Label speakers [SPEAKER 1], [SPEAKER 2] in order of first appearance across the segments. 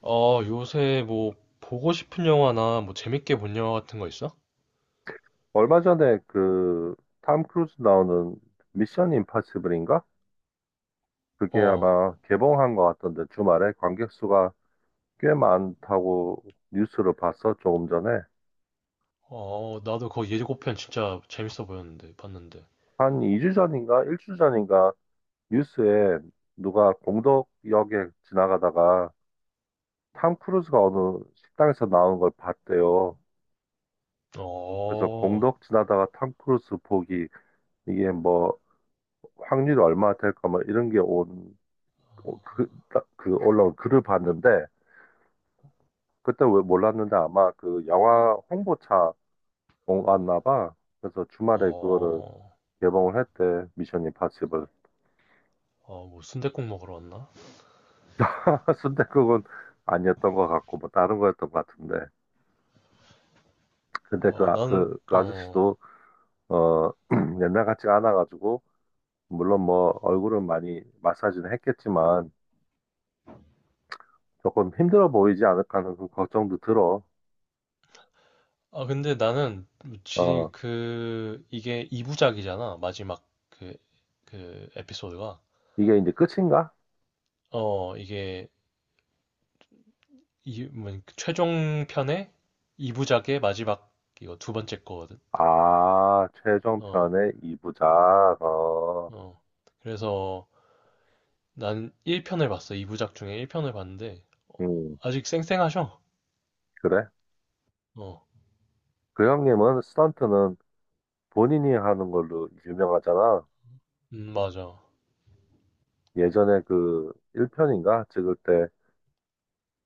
[SPEAKER 1] 요새 뭐 보고 싶은 영화나 뭐 재밌게 본 영화 같은 거 있어?
[SPEAKER 2] 얼마 전에 그, 탐 크루즈 나오는 미션 임파서블인가? 그게
[SPEAKER 1] 어,
[SPEAKER 2] 아마 개봉한 것 같던데, 주말에 관객 수가 꽤 많다고 뉴스를 봤어, 조금 전에.
[SPEAKER 1] 나도 그 예고편 진짜 재밌어 보였는데 봤는데.
[SPEAKER 2] 한 2주 전인가? 1주 전인가? 뉴스에 누가 공덕 역에 지나가다가 탐 크루즈가 어느 식당에서 나온 걸 봤대요. 그래서
[SPEAKER 1] 어,
[SPEAKER 2] 공덕 지나다가 탐 크루즈 보기, 이게 뭐, 확률이 얼마 될까, 뭐, 이런 게 온, 그, 그 올라온 글을 봤는데, 그때 왜 몰랐는데 아마 그 영화 홍보차 온 왔나 봐. 그래서 주말에 그거를
[SPEAKER 1] 어,
[SPEAKER 2] 개봉을 했대. 미션 임파서블.
[SPEAKER 1] 어, 뭐 순댓국 먹으러 왔나?
[SPEAKER 2] 순댓국은 아니었던 것 같고 뭐 다른 거였던 것 같은데. 근데 그,
[SPEAKER 1] 어, 나는
[SPEAKER 2] 그, 아저씨도 어 옛날 같지 않아가지고, 물론 뭐 얼굴은 많이 마사지는 했겠지만 조금 힘들어 보이지 않을까 하는 그 걱정도 들어.
[SPEAKER 1] 아 근데 나는 지
[SPEAKER 2] 어
[SPEAKER 1] 그 이게 2부작이잖아, 마지막 그 에피소드가.
[SPEAKER 2] 이게 이제 끝인가?
[SPEAKER 1] 어 이게 이 뭐 최종 편의 2부작의 마지막, 이거 두 번째 거거든.
[SPEAKER 2] 아,
[SPEAKER 1] 어.
[SPEAKER 2] 최종편의 이부작. 어.
[SPEAKER 1] 어. 그래서 난 1편을 봤어. 2부작 중에 1편을 봤는데
[SPEAKER 2] 음,
[SPEAKER 1] 아직 쌩쌩하셔.
[SPEAKER 2] 그래?
[SPEAKER 1] 어.
[SPEAKER 2] 그 형님은 스턴트는 본인이 하는 걸로 유명하잖아.
[SPEAKER 1] 맞아.
[SPEAKER 2] 예전에 그 1편인가 찍을 때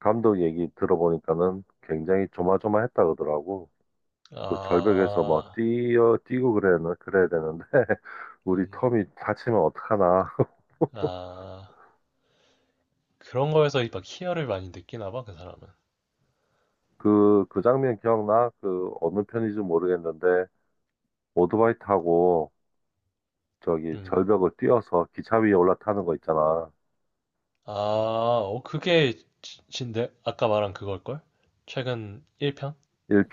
[SPEAKER 2] 감독 얘기 들어보니까는 굉장히 조마조마했다 그러더라고. 그 절벽에서 뭐
[SPEAKER 1] 아,
[SPEAKER 2] 뛰어 뛰고 그래야 되는데 우리
[SPEAKER 1] 음,
[SPEAKER 2] 톰이 다치면 어떡하나.
[SPEAKER 1] 아, 그런 거에서 막 희열을 많이 느끼나 봐, 그 사람은.
[SPEAKER 2] 그 장면 기억나? 그 어느 편인지 모르겠는데 오토바이 타고 저기
[SPEAKER 1] 음.
[SPEAKER 2] 절벽을 뛰어서 기차 위에 올라타는 거 있잖아.
[SPEAKER 1] 아, 어, 그게 아까 말한 그걸걸? 최근 1편?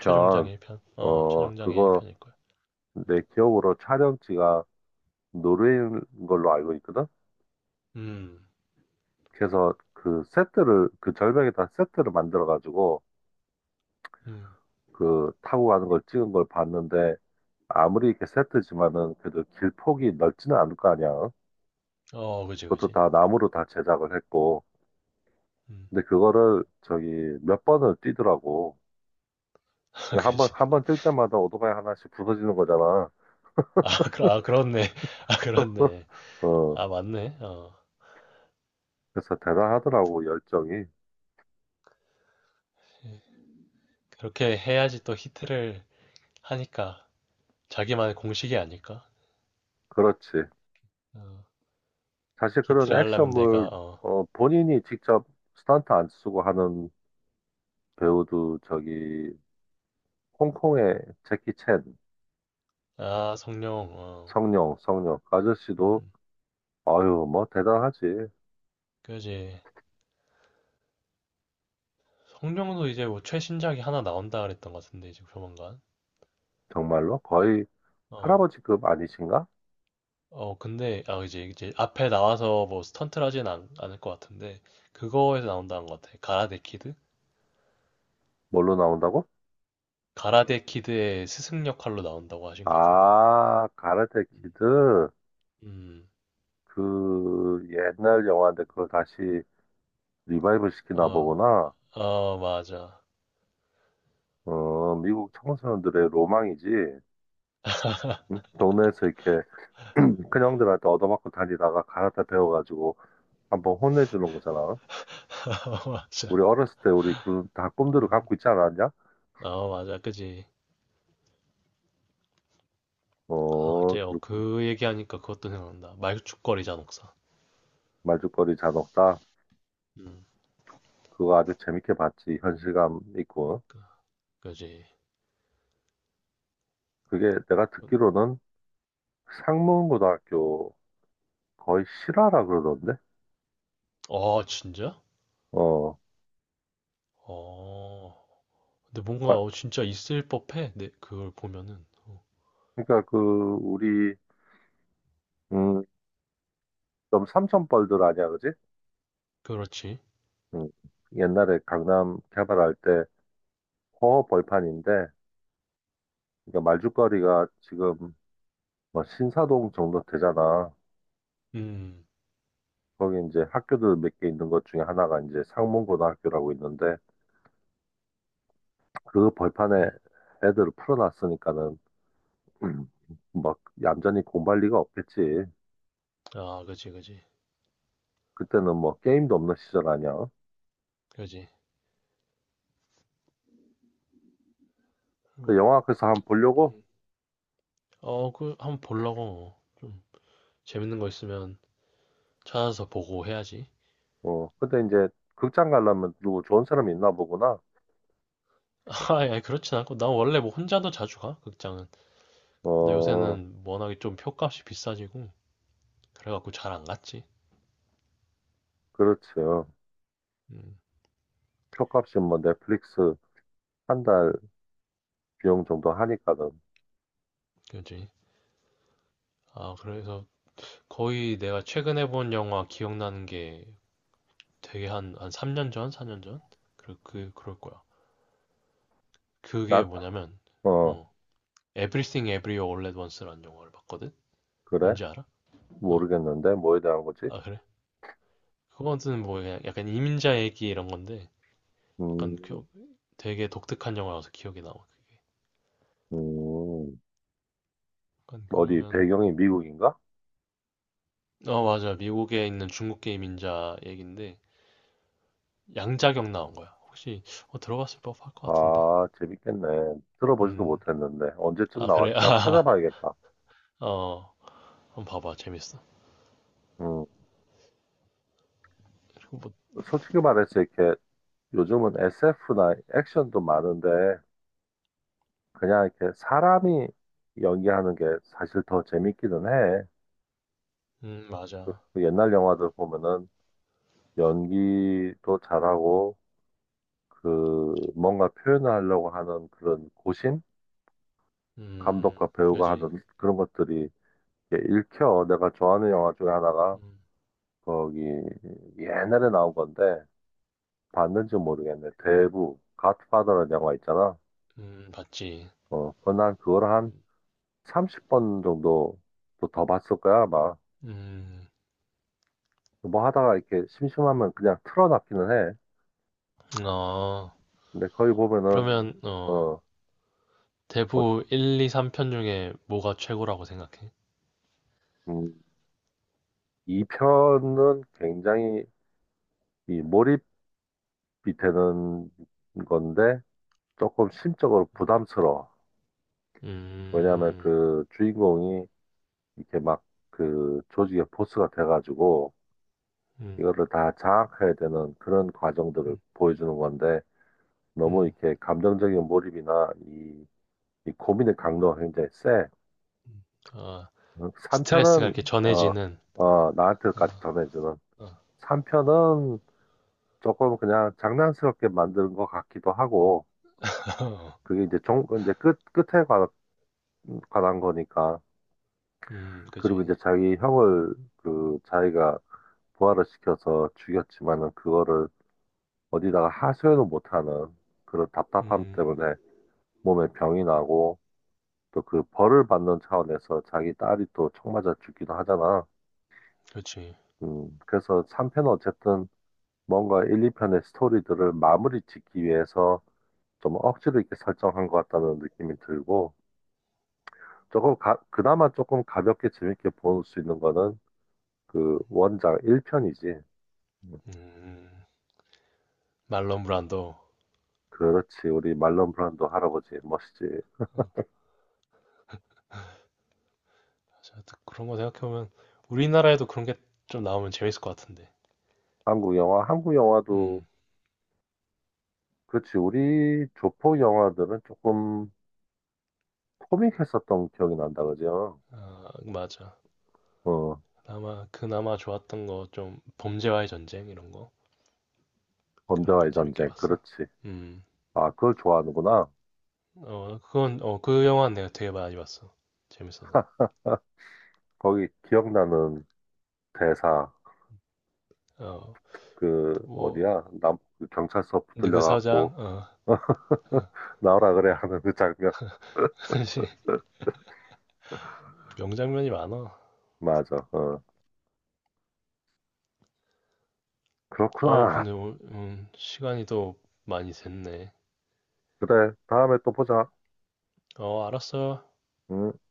[SPEAKER 1] 최종장 1편? 어,
[SPEAKER 2] 어
[SPEAKER 1] 최종장의
[SPEAKER 2] 그거
[SPEAKER 1] 1편일걸.
[SPEAKER 2] 내 기억으로 촬영지가 노르웨이인 걸로 알고 있거든.
[SPEAKER 1] 음,
[SPEAKER 2] 그래서 그 세트를 그 절벽에다 세트를 만들어 가지고
[SPEAKER 1] 음.
[SPEAKER 2] 그 타고 가는 걸 찍은 걸 봤는데 아무리 이렇게 세트지만은 그래도 길 폭이 넓지는 않을 거 아니야.
[SPEAKER 1] 어, 그지,
[SPEAKER 2] 그것도
[SPEAKER 1] 그지.
[SPEAKER 2] 다 나무로 다 제작을 했고.
[SPEAKER 1] 음.
[SPEAKER 2] 근데 그거를 저기 몇 번을 뛰더라고. 그러니까 한 번,
[SPEAKER 1] 그지.
[SPEAKER 2] 한 번 뛸 때마다 오토바이 하나씩 부서지는 거잖아.
[SPEAKER 1] 아, 그, 아, 그렇네. 아, 그렇네.
[SPEAKER 2] 어,
[SPEAKER 1] 아, 맞네. 어.
[SPEAKER 2] 그래서 대단하더라고, 열정이.
[SPEAKER 1] 그렇게 해야지 또 히트를 하니까. 자기만의 공식이 아닐까?
[SPEAKER 2] 그렇지.
[SPEAKER 1] 어,
[SPEAKER 2] 사실 그런
[SPEAKER 1] 히트를 하려면 내가
[SPEAKER 2] 액션물,
[SPEAKER 1] 어,
[SPEAKER 2] 어, 본인이 직접 스턴트 안 쓰고 하는 배우도 저기 홍콩의 재키 챈,
[SPEAKER 1] 아 성룡 어,
[SPEAKER 2] 성룡, 성룡 아저씨도
[SPEAKER 1] 음,
[SPEAKER 2] 아유 뭐 대단하지.
[SPEAKER 1] 그지. 성룡도 이제 뭐 최신작이 하나 나온다 그랬던 것 같은데 지금 조만간.
[SPEAKER 2] 정말로 거의
[SPEAKER 1] 어,
[SPEAKER 2] 할아버지급 아니신가?
[SPEAKER 1] 어 근데 아 이제 앞에 나와서 뭐 스턴트를 하진 않을 것 같은데. 그거에서 나온다는 것 같아, 가라데 키드.
[SPEAKER 2] 뭘로 나온다고?
[SPEAKER 1] 가라데 키드의 스승 역할로 나온다고 하신 것 같은데.
[SPEAKER 2] 아, 가라테
[SPEAKER 1] 음,
[SPEAKER 2] 키드.
[SPEAKER 1] 음,
[SPEAKER 2] 그 옛날 영화인데 그걸 다시 리바이벌 시키나
[SPEAKER 1] 어,
[SPEAKER 2] 보구나.
[SPEAKER 1] 어 맞아.
[SPEAKER 2] 어, 미국 청소년들의 로망이지. 응? 동네에서 이렇게 큰 형들한테 얻어맞고 다니다가 가라테 배워가지고 한번 혼내주는 거잖아.
[SPEAKER 1] 맞아.
[SPEAKER 2] 우리 어렸을 때 우리 그 다 꿈들을
[SPEAKER 1] 음.
[SPEAKER 2] 갖고 있지 않았냐?
[SPEAKER 1] 아, 맞아. 그지. 아,
[SPEAKER 2] 어,
[SPEAKER 1] 어,
[SPEAKER 2] 그렇군.
[SPEAKER 1] 그 얘기하니까 그것도 생각난다. 말죽거리자, 녹사.
[SPEAKER 2] 말죽거리 잔혹사.
[SPEAKER 1] 음,
[SPEAKER 2] 그거 아주 재밌게 봤지. 현실감 있고.
[SPEAKER 1] 그니까. 그지.
[SPEAKER 2] 그게 내가 듣기로는 상문고등학교 거의 실화라 그러던데?
[SPEAKER 1] 어, 아, 진짜?
[SPEAKER 2] 어,
[SPEAKER 1] 어. 근데 뭔가,
[SPEAKER 2] 마-
[SPEAKER 1] 어, 진짜 있을 법해. 네, 그걸 보면은. 어,
[SPEAKER 2] 그러니까 그, 우리, 음, 좀 삼천벌들 아니야, 그지?
[SPEAKER 1] 그렇지.
[SPEAKER 2] 음, 옛날에 강남 개발할 때 허허벌판인데, 그러니까 말죽거리가 지금 뭐 신사동 정도 되잖아.
[SPEAKER 1] 음,
[SPEAKER 2] 거기 이제 학교들 몇 개 있는 것 중에 하나가 이제 상문고등학교라고 있는데 그 벌판에
[SPEAKER 1] 음.
[SPEAKER 2] 애들을 풀어놨으니까는 막 얌전히 공부할 리가 없겠지.
[SPEAKER 1] 아, 그지, 그지.
[SPEAKER 2] 그때는 뭐 게임도 없는 시절 아니야.
[SPEAKER 1] 그지.
[SPEAKER 2] 그
[SPEAKER 1] 뭐,
[SPEAKER 2] 영화 앞에서 한번 보려고.
[SPEAKER 1] 음. 어, 그, 한번 보려고. 좀, 재밌는 거 있으면 찾아서 보고 해야지.
[SPEAKER 2] 어 근데 이제 극장 가려면 누구 좋은 사람이 있나 보구나.
[SPEAKER 1] 아, 야, 그렇진 않고. 난 원래 뭐 혼자도 자주 가, 극장은. 근데
[SPEAKER 2] 어
[SPEAKER 1] 요새는 워낙에 좀 표값이 비싸지고. 그래갖고 잘 안 갔지.
[SPEAKER 2] 그렇죠.
[SPEAKER 1] 음,
[SPEAKER 2] 표값이 뭐 넷플릭스 한 달 비용 정도 하니까는
[SPEAKER 1] 그지. 아, 그래서 거의 내가 최근에 본 영화 기억나는 게 되게 한 3년 전, 4년 전? 그럴 거야. 그게
[SPEAKER 2] 난
[SPEAKER 1] 뭐냐면,
[SPEAKER 2] 어
[SPEAKER 1] 어, Everything Everywhere All at Once라는 영화를 봤거든?
[SPEAKER 2] 그래
[SPEAKER 1] 뭔지 알아? 어,
[SPEAKER 2] 모르겠는데 뭐에 대한 거지?
[SPEAKER 1] 아, 그래? 그거는 뭐 그냥 약간 이민자 얘기 이런 건데, 약간
[SPEAKER 2] 음
[SPEAKER 1] 되게 독특한 영화라서 기억에 남아.
[SPEAKER 2] 음.
[SPEAKER 1] 약간
[SPEAKER 2] 어디
[SPEAKER 1] 그러면,
[SPEAKER 2] 배경이 미국인가?
[SPEAKER 1] 어, 맞아. 미국에 있는 중국계 이민자 얘기인데, 양자경 나온 거야. 혹시, 어, 들어봤을 법할 것 같은데?
[SPEAKER 2] 아, 재밌겠네. 들어보지도
[SPEAKER 1] 음.
[SPEAKER 2] 못했는데 언제쯤
[SPEAKER 1] 아, 그래?
[SPEAKER 2] 나왔지? 한번 찾아봐야겠다.
[SPEAKER 1] 아, 어. 한번 봐봐. 재밌어.
[SPEAKER 2] 음,
[SPEAKER 1] 그리고 뭐,
[SPEAKER 2] 솔직히 말해서 이렇게 요즘은 SF나 액션도 많은데 그냥 이렇게 사람이 연기하는 게 사실 더 재밌기는 해.
[SPEAKER 1] 맞아.
[SPEAKER 2] 그 옛날 영화들 보면은 연기도 잘하고 그 뭔가 표현을 하려고 하는 그런 고심? 감독과 배우가
[SPEAKER 1] 그지.
[SPEAKER 2] 하는 그런 것들이 이렇게 읽혀. 내가 좋아하는 영화 중에 하나가
[SPEAKER 1] 음,
[SPEAKER 2] 거기 옛날에 나온 건데 봤는지 모르겠네. 대부 갓파더라는 영화 있잖아.
[SPEAKER 1] 봤지.
[SPEAKER 2] 어, 그난 그걸 한 30번 정도 또더 봤을 거야, 아마.
[SPEAKER 1] 음,
[SPEAKER 2] 뭐 하다가 이렇게 심심하면 그냥 틀어놨기는 해.
[SPEAKER 1] 어.
[SPEAKER 2] 근데 거기 보면은
[SPEAKER 1] 그러면, 어.
[SPEAKER 2] 어, 어,
[SPEAKER 1] 대부 1, 2, 3편 중에 뭐가 최고라고 생각해?
[SPEAKER 2] 음, 이 편은 굉장히 이 몰입이 되는 건데 조금 심적으로
[SPEAKER 1] 음,
[SPEAKER 2] 부담스러워. 왜냐하면
[SPEAKER 1] 음,
[SPEAKER 2] 그 주인공이 이렇게 막 그 조직의 보스가 돼가지고
[SPEAKER 1] 음,
[SPEAKER 2] 이거를 다 장악해야 되는 그런 과정들을
[SPEAKER 1] 음.
[SPEAKER 2] 보여주는 건데 너무 이렇게 감정적인 몰입이나 이, 이 고민의 강도가 굉장히 세.
[SPEAKER 1] 음. 어, 스트레스가
[SPEAKER 2] 3편은
[SPEAKER 1] 이렇게
[SPEAKER 2] 어,
[SPEAKER 1] 전해지는,
[SPEAKER 2] 어,
[SPEAKER 1] 어,
[SPEAKER 2] 나한테까지 전해주는
[SPEAKER 1] 어,
[SPEAKER 2] 3편은 조금 그냥 장난스럽게 만드는 것 같기도 하고
[SPEAKER 1] 어,
[SPEAKER 2] 그게 이제 종 이제 끝 끝에 관한 거니까 그리고
[SPEAKER 1] 그지.
[SPEAKER 2] 이제 자기 형을 그 자기가 부활을 시켜서 죽였지만은 그거를 어디다가 하소연을 못하는 그런 답답함
[SPEAKER 1] 음,
[SPEAKER 2] 때문에 몸에 병이 나고 또 그 벌을 받는 차원에서 자기 딸이 또 총 맞아 죽기도 하잖아.
[SPEAKER 1] 그지.
[SPEAKER 2] 그래서 3편은 어쨌든 뭔가 1, 2편의 스토리들을 마무리 짓기 위해서 좀 억지로 이렇게 설정한 것 같다는 느낌이 들고 조금 그나마 조금 가볍게 재밌게 볼 수 있는 거는 그 원작 1편이지.
[SPEAKER 1] 음, 음. 말론 브란도.
[SPEAKER 2] 그렇지. 우리 말론 브란도 할아버지 멋있지.
[SPEAKER 1] 어, 그런 거 생각해보면 우리나라에도 그런 게 좀 나오면 재밌을 것 같은데.
[SPEAKER 2] 한국 영화, 한국 영화도
[SPEAKER 1] 음,
[SPEAKER 2] 그렇지. 우리 조폭 영화들은 조금 코믹했었던 기억이 난다, 그죠?
[SPEAKER 1] 아, 맞아.
[SPEAKER 2] 어,
[SPEAKER 1] 아마 그나마 좋았던 거 좀 범죄와의 전쟁 이런 거. 그런 건
[SPEAKER 2] 범죄와의
[SPEAKER 1] 재밌게
[SPEAKER 2] 전쟁.
[SPEAKER 1] 봤어.
[SPEAKER 2] 그렇지.
[SPEAKER 1] 음,
[SPEAKER 2] 아, 그걸 좋아하는구나.
[SPEAKER 1] 어, 그건 어, 그 영화는 내가 되게 많이 봤어. 재밌어서.
[SPEAKER 2] 아, 거기 기억나는 대사.
[SPEAKER 1] 어,
[SPEAKER 2] 그,
[SPEAKER 1] 뭐
[SPEAKER 2] 어디야? 남, 그 경찰서 붙들려갖고,
[SPEAKER 1] 느그서장, 어, 어,
[SPEAKER 2] 나오라 그래 하는 그 장면.
[SPEAKER 1] 사 명장면이 많아.
[SPEAKER 2] 맞아. 어.
[SPEAKER 1] 어,
[SPEAKER 2] 그렇구나.
[SPEAKER 1] 근데 시간이 또 많이 됐네.
[SPEAKER 2] 그래. 다음에 또 보자.
[SPEAKER 1] 어, 알았어.
[SPEAKER 2] 응.